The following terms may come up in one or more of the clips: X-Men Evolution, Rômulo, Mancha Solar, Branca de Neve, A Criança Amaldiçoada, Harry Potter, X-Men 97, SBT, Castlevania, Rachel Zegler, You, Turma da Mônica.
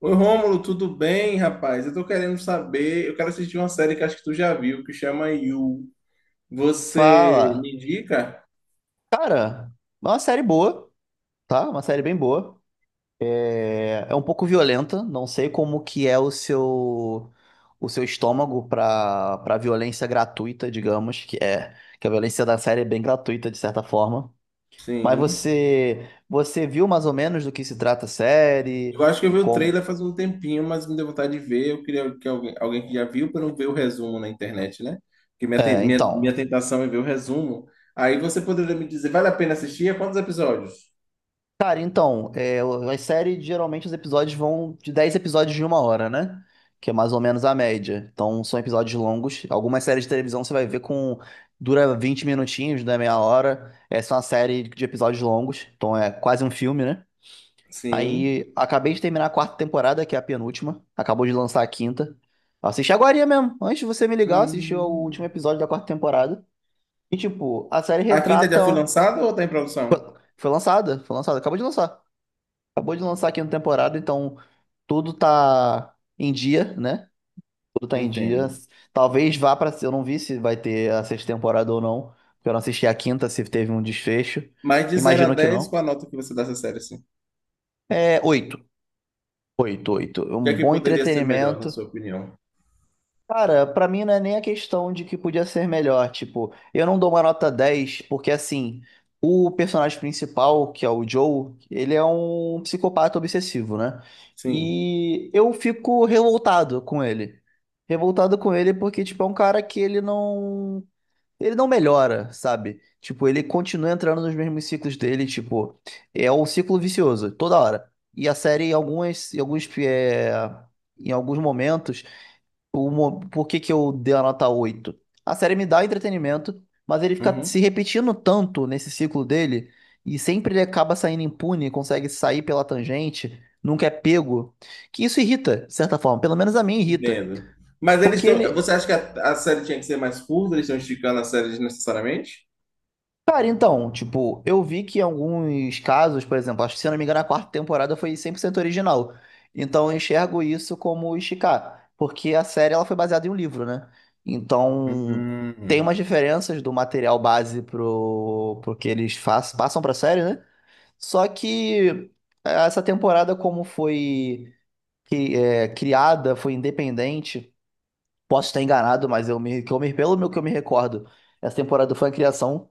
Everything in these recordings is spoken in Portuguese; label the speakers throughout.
Speaker 1: Oi, Rômulo, tudo bem, rapaz? Eu tô querendo saber, eu quero assistir uma série que acho que tu já viu, que chama You. Você
Speaker 2: Fala.
Speaker 1: me indica?
Speaker 2: Cara, é uma série boa, tá? Uma série bem boa. É um pouco violenta, não sei como que é o seu estômago pra para violência gratuita, digamos, que é que a violência da série é bem gratuita de certa forma. Mas
Speaker 1: Sim.
Speaker 2: você viu mais ou menos do que se trata a
Speaker 1: Eu
Speaker 2: série,
Speaker 1: acho que eu
Speaker 2: de
Speaker 1: vi o
Speaker 2: como.
Speaker 1: trailer faz um tempinho, mas me deu vontade de ver. Eu queria que alguém que já viu para não ver o resumo na internet, né? Porque minha, ten-
Speaker 2: É,
Speaker 1: minha, minha
Speaker 2: então.
Speaker 1: tentação é ver o resumo. Aí você poderia me dizer, vale a pena assistir? A Quantos episódios?
Speaker 2: Cara, então, é, as séries, geralmente os episódios vão de 10 episódios de uma hora, né? Que é mais ou menos a média. Então, são episódios longos. Algumas séries de televisão você vai ver com... Dura 20 minutinhos, né? Meia hora. Essa é uma série de episódios longos. Então, é quase um filme, né?
Speaker 1: Sim.
Speaker 2: Aí, acabei de terminar a quarta temporada, que é a penúltima. Acabou de lançar a quinta. Assisti agora mesmo. Antes de você me ligar, eu assisti o último
Speaker 1: Hum.
Speaker 2: episódio da quarta temporada. E, tipo, a série
Speaker 1: A quinta já
Speaker 2: retrata...
Speaker 1: foi lançada ou tá em produção?
Speaker 2: Foi lançada, acabou de lançar. Acabou de lançar a quinta temporada, então tudo tá em dia, né? Tudo tá em dia.
Speaker 1: Entendo.
Speaker 2: Talvez vá pra. Eu não vi se vai ter a sexta temporada ou não, porque eu não assisti a quinta, se teve um desfecho.
Speaker 1: Mas de zero a
Speaker 2: Imagino que
Speaker 1: dez,
Speaker 2: não.
Speaker 1: qual a nota que você dá essa série, assim?
Speaker 2: É oito. Oito, oito.
Speaker 1: O que
Speaker 2: Um
Speaker 1: é que
Speaker 2: bom
Speaker 1: poderia ser melhor, na
Speaker 2: entretenimento.
Speaker 1: sua opinião?
Speaker 2: Cara, pra mim não é nem a questão de que podia ser melhor. Tipo, eu não dou uma nota 10 porque assim, o personagem principal, que é o Joe, ele é um psicopata obsessivo, né?
Speaker 1: Sim.
Speaker 2: E eu fico revoltado com ele. Revoltado com ele porque, tipo, é um cara que ele não. Ele não melhora, sabe? Tipo, ele continua entrando nos mesmos ciclos dele, tipo, é um ciclo vicioso, toda hora. E a série, em algumas, em alguns, é, em alguns momentos. O, por que que eu dei a nota 8? A série me dá entretenimento, mas ele fica se
Speaker 1: Uhum.
Speaker 2: repetindo tanto nesse ciclo dele, e sempre ele acaba saindo impune, consegue sair pela tangente, nunca é pego, que isso irrita, de certa forma. Pelo menos a mim irrita.
Speaker 1: Entendo. Mas eles
Speaker 2: Porque
Speaker 1: estão.
Speaker 2: ele.
Speaker 1: Você acha que a série tinha que ser mais curta? Eles estão esticando a série desnecessariamente?
Speaker 2: Cara, então, tipo, eu vi que em alguns casos, por exemplo, acho que se eu não me engano, a quarta temporada foi 100% original. Então eu enxergo isso como esticar, porque a série ela foi baseada em um livro, né? Então tem
Speaker 1: Hum.
Speaker 2: umas diferenças do material base pro que eles faz, passam pra série, né? Só que essa temporada, como foi criada, foi independente, posso estar enganado, mas eu me, que eu me, pelo meu que eu me recordo, essa temporada foi a criação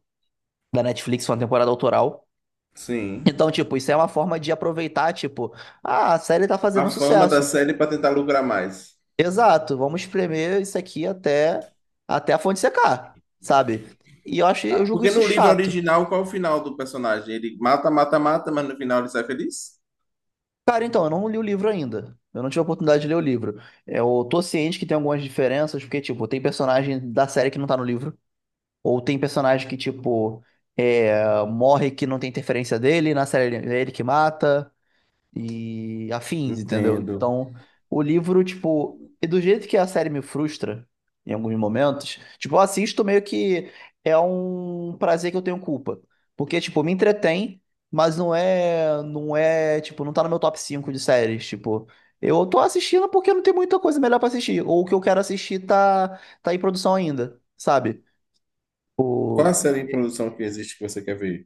Speaker 2: da Netflix, foi uma temporada autoral.
Speaker 1: Sim.
Speaker 2: Então, tipo, isso é uma forma de aproveitar, tipo, ah, a série tá
Speaker 1: A
Speaker 2: fazendo um
Speaker 1: fama da
Speaker 2: sucesso.
Speaker 1: série para tentar lucrar mais.
Speaker 2: Exato, vamos espremer isso aqui até, até a fonte secar, sabe? E eu acho, eu
Speaker 1: Ah,
Speaker 2: julgo
Speaker 1: porque
Speaker 2: isso
Speaker 1: no livro
Speaker 2: chato.
Speaker 1: original, qual é o final do personagem? Ele mata, mata, mata, mas no final ele sai feliz?
Speaker 2: Cara, então, eu não li o livro ainda. Eu não tive a oportunidade de ler o livro. Eu tô ciente que tem algumas diferenças, porque, tipo, tem personagem da série que não tá no livro, ou tem personagem que, tipo, é, morre que não tem interferência dele, na série ele é ele que mata. E afins, entendeu?
Speaker 1: Entendo.
Speaker 2: Então, o livro, tipo, e do jeito que a série me frustra em alguns momentos, tipo, eu assisto meio que é um prazer que eu tenho culpa. Porque, tipo, me entretém, mas tipo, não tá no meu top 5 de séries, tipo. Eu tô assistindo porque não tem muita coisa melhor pra assistir. Ou o que eu quero assistir tá em produção ainda, sabe?
Speaker 1: Qual a
Speaker 2: O...
Speaker 1: série em produção que existe que você quer ver?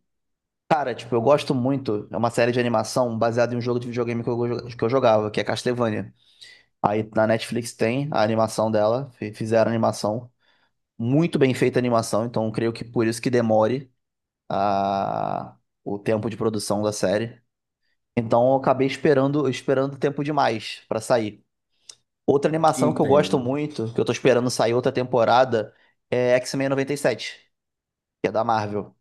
Speaker 2: Cara, tipo, eu gosto muito. É uma série de animação baseada em um jogo de videogame que que eu jogava, que é Castlevania. Aí na Netflix tem a animação dela, fizeram a animação, muito bem feita a animação, então creio que por isso que demore a... o tempo de produção da série. Então eu acabei esperando, esperando tempo demais pra sair. Outra animação que eu gosto
Speaker 1: Entendo.
Speaker 2: muito, que eu tô esperando sair outra temporada, é X-Men 97, que é da Marvel.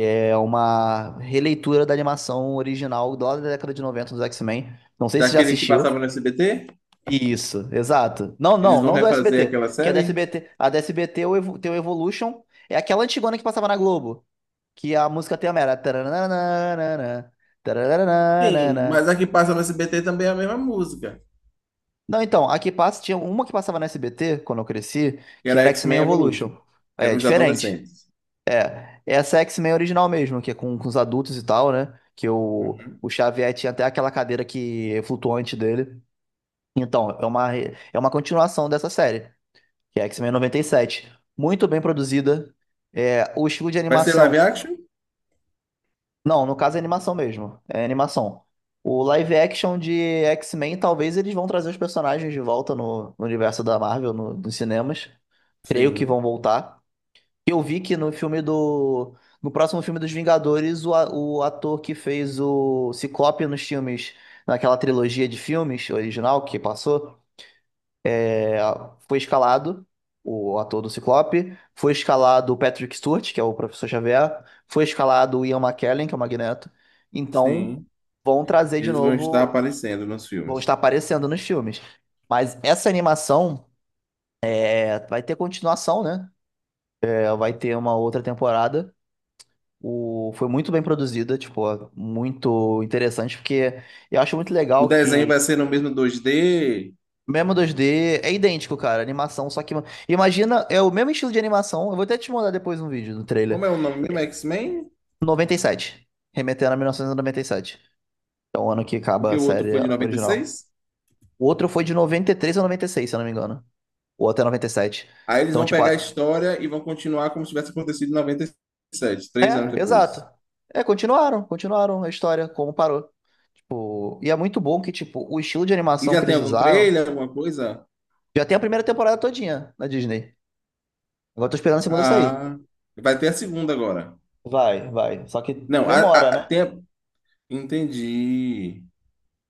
Speaker 2: É uma releitura da animação original lá da década de 90 dos X-Men. Não sei se já
Speaker 1: Daquele que
Speaker 2: assistiu.
Speaker 1: passava no SBT?
Speaker 2: Isso, exato. Não,
Speaker 1: Eles
Speaker 2: não,
Speaker 1: vão
Speaker 2: não do
Speaker 1: refazer aquela
Speaker 2: SBT. Que é da
Speaker 1: série?
Speaker 2: SBT. A da SBT, tem o Evolution. É aquela antigona que passava na Globo. Que a música tem a mera. Taranana,
Speaker 1: Sim, mas
Speaker 2: taranana.
Speaker 1: a que passa no SBT também é a mesma música,
Speaker 2: Não, então, a que passa, tinha uma que passava na SBT quando eu cresci,
Speaker 1: que
Speaker 2: que
Speaker 1: era
Speaker 2: era X-Men
Speaker 1: X-Men
Speaker 2: Evolution.
Speaker 1: Evolution, que era
Speaker 2: É
Speaker 1: os
Speaker 2: diferente.
Speaker 1: adolescentes.
Speaker 2: Essa é X-Men original mesmo, que é com os adultos e tal, né? Que
Speaker 1: Uhum.
Speaker 2: o Xavier tinha até aquela cadeira que é flutuante dele. Então, é uma, é uma continuação dessa série, que é X-Men noventa e sete. Muito bem produzida. É, o estilo de
Speaker 1: Vai ser live
Speaker 2: animação.
Speaker 1: action?
Speaker 2: Não, no caso é animação mesmo. É animação. O live action de X-Men, talvez eles vão trazer os personagens de volta no universo da Marvel, nos cinemas. Creio que
Speaker 1: Sim,
Speaker 2: vão voltar. Eu vi que no filme do. No próximo filme dos Vingadores, o ator que fez o Ciclope nos filmes, naquela trilogia de filmes original que passou. É. Foi escalado o ator do Ciclope, foi escalado o Patrick Stewart, que é o Professor Xavier, foi escalado o Ian McKellen, que é o Magneto. Então,
Speaker 1: sim.
Speaker 2: vão trazer de
Speaker 1: Eles vão estar
Speaker 2: novo,
Speaker 1: aparecendo nos
Speaker 2: vão estar
Speaker 1: filmes.
Speaker 2: aparecendo nos filmes. Mas essa animação é, vai ter continuação, né? É, vai ter uma outra temporada. O, foi muito bem produzida, tipo, muito interessante, porque eu acho muito
Speaker 1: O
Speaker 2: legal
Speaker 1: desenho vai
Speaker 2: que.
Speaker 1: ser no mesmo 2D.
Speaker 2: Mesmo dois d é idêntico, cara, a animação, só que imagina, é o mesmo estilo de animação, eu vou até te mandar depois um vídeo do
Speaker 1: Como
Speaker 2: trailer.
Speaker 1: é o nome mesmo?
Speaker 2: É,
Speaker 1: X-Men?
Speaker 2: noventa e sete, remetendo a mil novecentos e noventa e sete. É o ano que acaba
Speaker 1: Porque
Speaker 2: a
Speaker 1: o outro
Speaker 2: série
Speaker 1: foi de
Speaker 2: original.
Speaker 1: 96?
Speaker 2: O outro foi de 93 a 96, se eu não me engano. Ou até 97.
Speaker 1: Aí eles
Speaker 2: Então,
Speaker 1: vão
Speaker 2: tipo,
Speaker 1: pegar a história e vão continuar como se tivesse acontecido em 97, 3 anos
Speaker 2: é, exato.
Speaker 1: depois.
Speaker 2: É, continuaram, continuaram a história como parou. Tipo, e é muito bom que, tipo, o estilo de
Speaker 1: E
Speaker 2: animação
Speaker 1: já
Speaker 2: que
Speaker 1: tem
Speaker 2: eles
Speaker 1: algum
Speaker 2: usaram
Speaker 1: trailer, alguma coisa?
Speaker 2: já tem a primeira temporada todinha na Disney. Agora eu tô esperando a segunda sair.
Speaker 1: Ah, vai ter a segunda agora.
Speaker 2: Vai, vai. Só que
Speaker 1: Não,
Speaker 2: demora, né?
Speaker 1: tem. Entendi.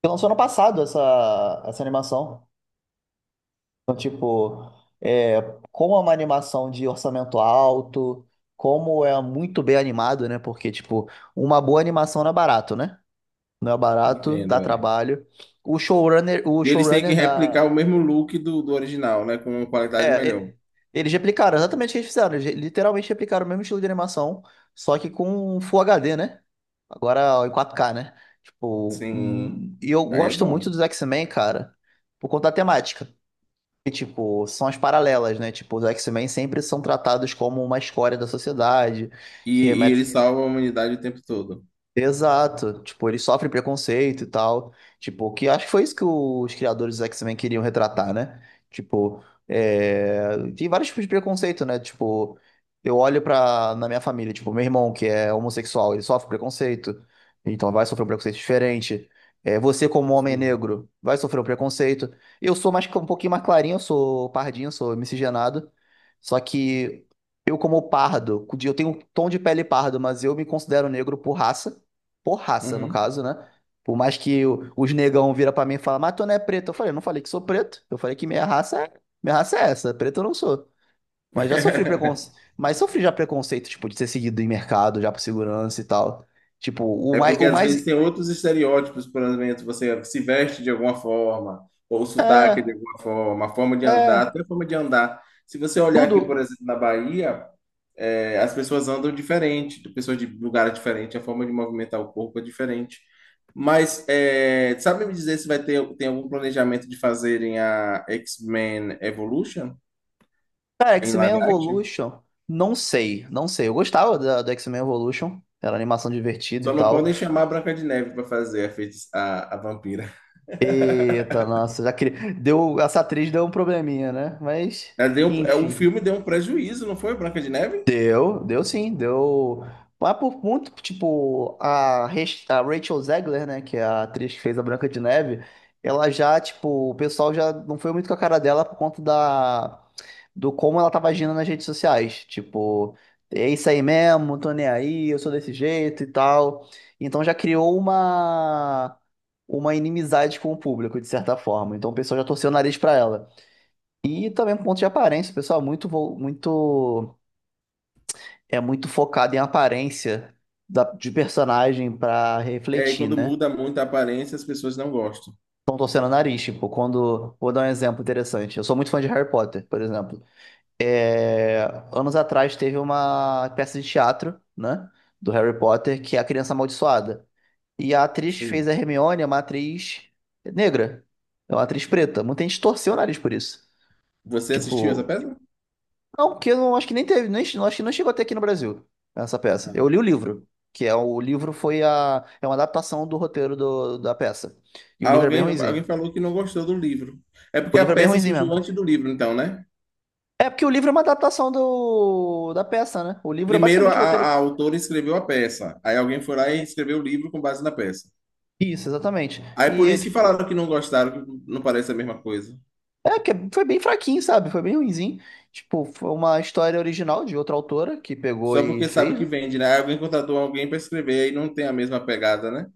Speaker 2: Porque lançou ano passado essa, essa animação. Então, tipo, é, como é uma animação de orçamento alto, como é muito bem animado, né? Porque, tipo, uma boa animação não é barato, né? Não é barato,
Speaker 1: Entendo,
Speaker 2: dá
Speaker 1: é.
Speaker 2: trabalho. O showrunner, o
Speaker 1: E eles têm
Speaker 2: showrunner
Speaker 1: que replicar
Speaker 2: da.
Speaker 1: o mesmo look do, do original, né? Com uma qualidade
Speaker 2: É,
Speaker 1: melhor.
Speaker 2: eles replicaram exatamente o que eles fizeram. Eles literalmente replicaram o mesmo estilo de animação, só que com Full HD, né? Agora em 4K, né? Tipo,
Speaker 1: Sim.
Speaker 2: e eu
Speaker 1: Aí é
Speaker 2: gosto muito
Speaker 1: bom.
Speaker 2: dos X-Men, cara, por conta da temática. E, tipo, são as paralelas, né? Tipo, os X-Men sempre são tratados como uma escória da sociedade, que
Speaker 1: E, e
Speaker 2: remete.
Speaker 1: eles salvam a humanidade o tempo todo.
Speaker 2: Exato. Tipo, ele sofre preconceito e tal. Tipo, que acho que foi isso que os criadores do X-Men queriam retratar, né? Tipo, é, tem vários tipos de preconceito, né? Tipo, eu olho pra... na minha família, tipo, meu irmão que é homossexual, ele sofre preconceito. Então vai sofrer um preconceito diferente. É, você como homem
Speaker 1: Sim.
Speaker 2: negro vai sofrer um preconceito. Eu sou mais um pouquinho mais clarinho, eu sou pardinho, sou miscigenado. Só que eu como pardo, eu tenho um tom de pele pardo, mas eu me considero negro por raça porraça, no
Speaker 1: Uhum.
Speaker 2: caso, né? Por mais que os negão vira pra mim e fala, mas tu não é preto. Eu falei, eu não falei que sou preto. Eu falei que minha raça é essa, preto eu não sou. Mas já sofri preconceito. Mas sofri já preconceito, tipo, de ser seguido em mercado, já por segurança e tal. Tipo, o
Speaker 1: É
Speaker 2: mais,
Speaker 1: porque
Speaker 2: o
Speaker 1: às vezes
Speaker 2: mais.
Speaker 1: tem outros estereótipos, por exemplo, você se veste de alguma forma, ou o sotaque de
Speaker 2: É,
Speaker 1: alguma forma, a forma de andar,
Speaker 2: é.
Speaker 1: até a forma de andar. Se você olhar aqui, por
Speaker 2: Tudo.
Speaker 1: exemplo, na Bahia, é, as pessoas andam diferente, de pessoas de lugar diferente, a forma de movimentar o corpo é diferente. Mas é, sabe me dizer se vai ter tem algum planejamento de fazerem a X-Men Evolution
Speaker 2: Cara,
Speaker 1: em
Speaker 2: X-Men
Speaker 1: live action?
Speaker 2: Evolution. Não sei, não sei. Eu gostava da, do X-Men Evolution. Era animação divertida e
Speaker 1: Só não
Speaker 2: tal.
Speaker 1: podem chamar a Branca de Neve para fazer a vampira.
Speaker 2: Eita, nossa, já queria. Deu, essa atriz deu um probleminha, né? Mas,
Speaker 1: O
Speaker 2: enfim.
Speaker 1: filme deu um prejuízo, não foi, Branca de Neve?
Speaker 2: Deu, deu sim, deu. Mas por muito, tipo, a Rachel Zegler, né, que é a atriz que fez a Branca de Neve, ela já, tipo, o pessoal já não foi muito com a cara dela por conta da, do como ela tava agindo nas redes sociais. Tipo, é isso aí mesmo, tô nem aí, eu sou desse jeito e tal. Então já criou uma inimizade com o público, de certa forma. Então o pessoal já torceu o nariz pra ela. E também por conta de aparência, o pessoal é muito, muito é muito focado em aparência de personagem pra
Speaker 1: É, e
Speaker 2: refletir,
Speaker 1: quando
Speaker 2: né?
Speaker 1: muda muito a aparência, as pessoas não gostam.
Speaker 2: Estão torcendo o nariz, tipo, quando. Vou dar um exemplo interessante. Eu sou muito fã de Harry Potter, por exemplo. É, anos atrás teve uma peça de teatro, né? Do Harry Potter, que é A Criança Amaldiçoada. E a atriz que fez
Speaker 1: Sim.
Speaker 2: a Hermione, é uma atriz negra. É uma atriz preta. Muita gente torceu o nariz por isso.
Speaker 1: Você assistiu essa
Speaker 2: Tipo.
Speaker 1: peça?
Speaker 2: Não, porque eu não acho que nem teve, nem, acho que não chegou até aqui no Brasil, essa peça.
Speaker 1: Ah.
Speaker 2: Eu li o livro, que é o livro foi a, é uma adaptação do roteiro da peça. E o livro é bem
Speaker 1: Alguém, alguém
Speaker 2: ruinzinho.
Speaker 1: falou que não gostou do livro. É
Speaker 2: O
Speaker 1: porque a
Speaker 2: livro é bem
Speaker 1: peça
Speaker 2: ruinzinho
Speaker 1: surgiu
Speaker 2: mesmo.
Speaker 1: antes do livro, então, né?
Speaker 2: É porque o livro é uma adaptação da peça, né? O livro é
Speaker 1: Primeiro, a,
Speaker 2: basicamente o roteiro.
Speaker 1: a autora escreveu a peça. Aí alguém foi lá e escreveu o livro com base na peça.
Speaker 2: Isso, exatamente.
Speaker 1: Aí
Speaker 2: E,
Speaker 1: por
Speaker 2: é,
Speaker 1: isso que
Speaker 2: tipo,
Speaker 1: falaram que não gostaram, que não parece a mesma coisa.
Speaker 2: é que foi bem fraquinho, sabe? Foi bem ruinzinho. Tipo, foi uma história original de outra autora que pegou
Speaker 1: Só
Speaker 2: e
Speaker 1: porque sabe
Speaker 2: fez,
Speaker 1: que
Speaker 2: né?
Speaker 1: vende, né? Aí alguém contratou alguém para escrever e não tem a mesma pegada, né?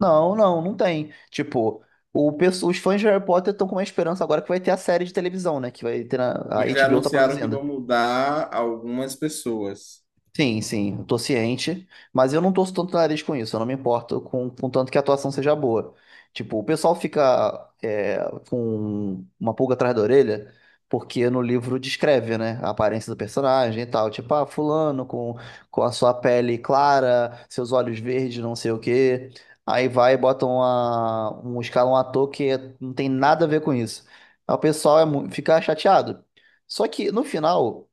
Speaker 2: Não, não, não tem. Tipo, os fãs de Harry Potter estão com uma esperança agora que vai ter a série de televisão, né? Que vai ter na, a
Speaker 1: Mas já
Speaker 2: HBO tá
Speaker 1: anunciaram que
Speaker 2: produzindo.
Speaker 1: vão mudar algumas pessoas.
Speaker 2: Sim, sim, eu tô ciente, mas eu não torço tanto o nariz com isso, eu não me importo com tanto que a atuação seja boa. Tipo, o pessoal fica é, com uma pulga atrás da orelha, porque no livro descreve, né, a aparência do personagem e tal. Tipo, ah, fulano com a sua pele clara, seus olhos verdes, não sei o quê. Aí vai e bota um ator que é, não tem nada a ver com isso. Aí o pessoal fica chateado. Só que no final.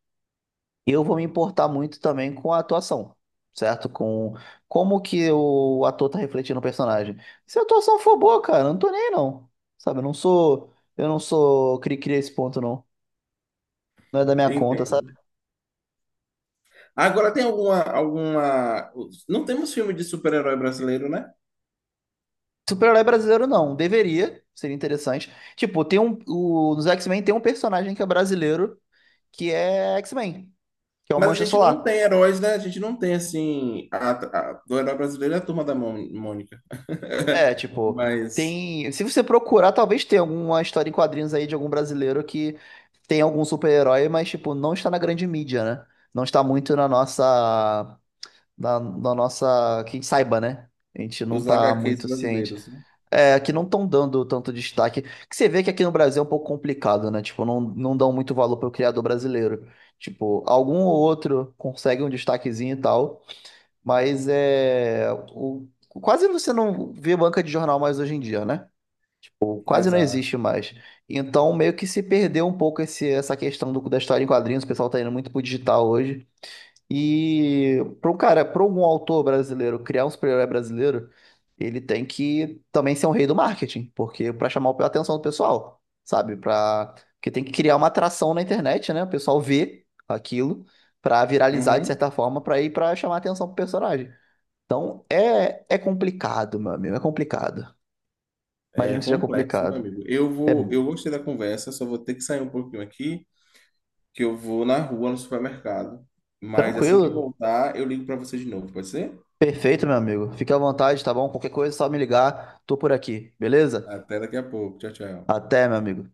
Speaker 2: Eu vou me importar muito também com a atuação, certo? Com como que o ator tá refletindo o personagem. Se a atuação for boa, cara, eu não tô nem aí, não. Sabe, eu não sou cri-cri a esse ponto, não. Não é da minha conta,
Speaker 1: Entendo.
Speaker 2: sabe?
Speaker 1: Agora tem alguma, alguma... Não temos filme de super-herói brasileiro, né?
Speaker 2: Super-herói brasileiro, não. Deveria, seria interessante. Tipo, nos X-Men tem um personagem que é brasileiro, que é X-Men, que é o
Speaker 1: Mas a
Speaker 2: Mancha
Speaker 1: gente não
Speaker 2: Solar.
Speaker 1: tem heróis, né? A gente não tem, assim... Do herói brasileiro é a Turma da Mônica.
Speaker 2: É, tipo,
Speaker 1: Mas...
Speaker 2: tem. Se você procurar, talvez tenha alguma história em quadrinhos aí de algum brasileiro que tem algum super-herói, mas, tipo, não está na grande mídia, né? Não está muito na nossa. Na nossa. Quem saiba, né? A gente não
Speaker 1: Os
Speaker 2: tá
Speaker 1: HQs
Speaker 2: muito ciente.
Speaker 1: brasileiros, né?
Speaker 2: É, que não estão dando tanto destaque. Que você vê que aqui no Brasil é um pouco complicado, né? Tipo, não, não dão muito valor pro criador brasileiro. Tipo, algum ou outro consegue um destaquezinho e tal. Mas é. O, quase você não vê banca de jornal mais hoje em dia, né? Quase não
Speaker 1: Exato.
Speaker 2: existe mais. Então, meio que se perdeu um pouco essa questão da história em quadrinhos. O pessoal tá indo muito pro digital hoje. E para um cara, para algum autor brasileiro criar um super-herói brasileiro, ele tem que também ser um rei do marketing, porque para chamar a atenção do pessoal, sabe? Para porque tem que criar uma atração na internet, né? O pessoal vê aquilo para viralizar de
Speaker 1: Uhum.
Speaker 2: certa forma, para chamar a atenção pro personagem. Então é, é complicado, meu amigo, é complicado. Imagino
Speaker 1: É
Speaker 2: que seja
Speaker 1: complexo, meu
Speaker 2: complicado.
Speaker 1: amigo. Eu
Speaker 2: É
Speaker 1: vou, eu gostei da conversa, só vou ter que sair um pouquinho aqui, que eu vou na rua, no supermercado. Mas assim que eu
Speaker 2: tranquilo,
Speaker 1: voltar, eu ligo para você de novo, pode ser?
Speaker 2: perfeito, meu amigo. Fique à vontade, tá bom? Qualquer coisa é só me ligar, tô por aqui, beleza?
Speaker 1: Até daqui a pouco. Tchau, tchau.
Speaker 2: Até, meu amigo.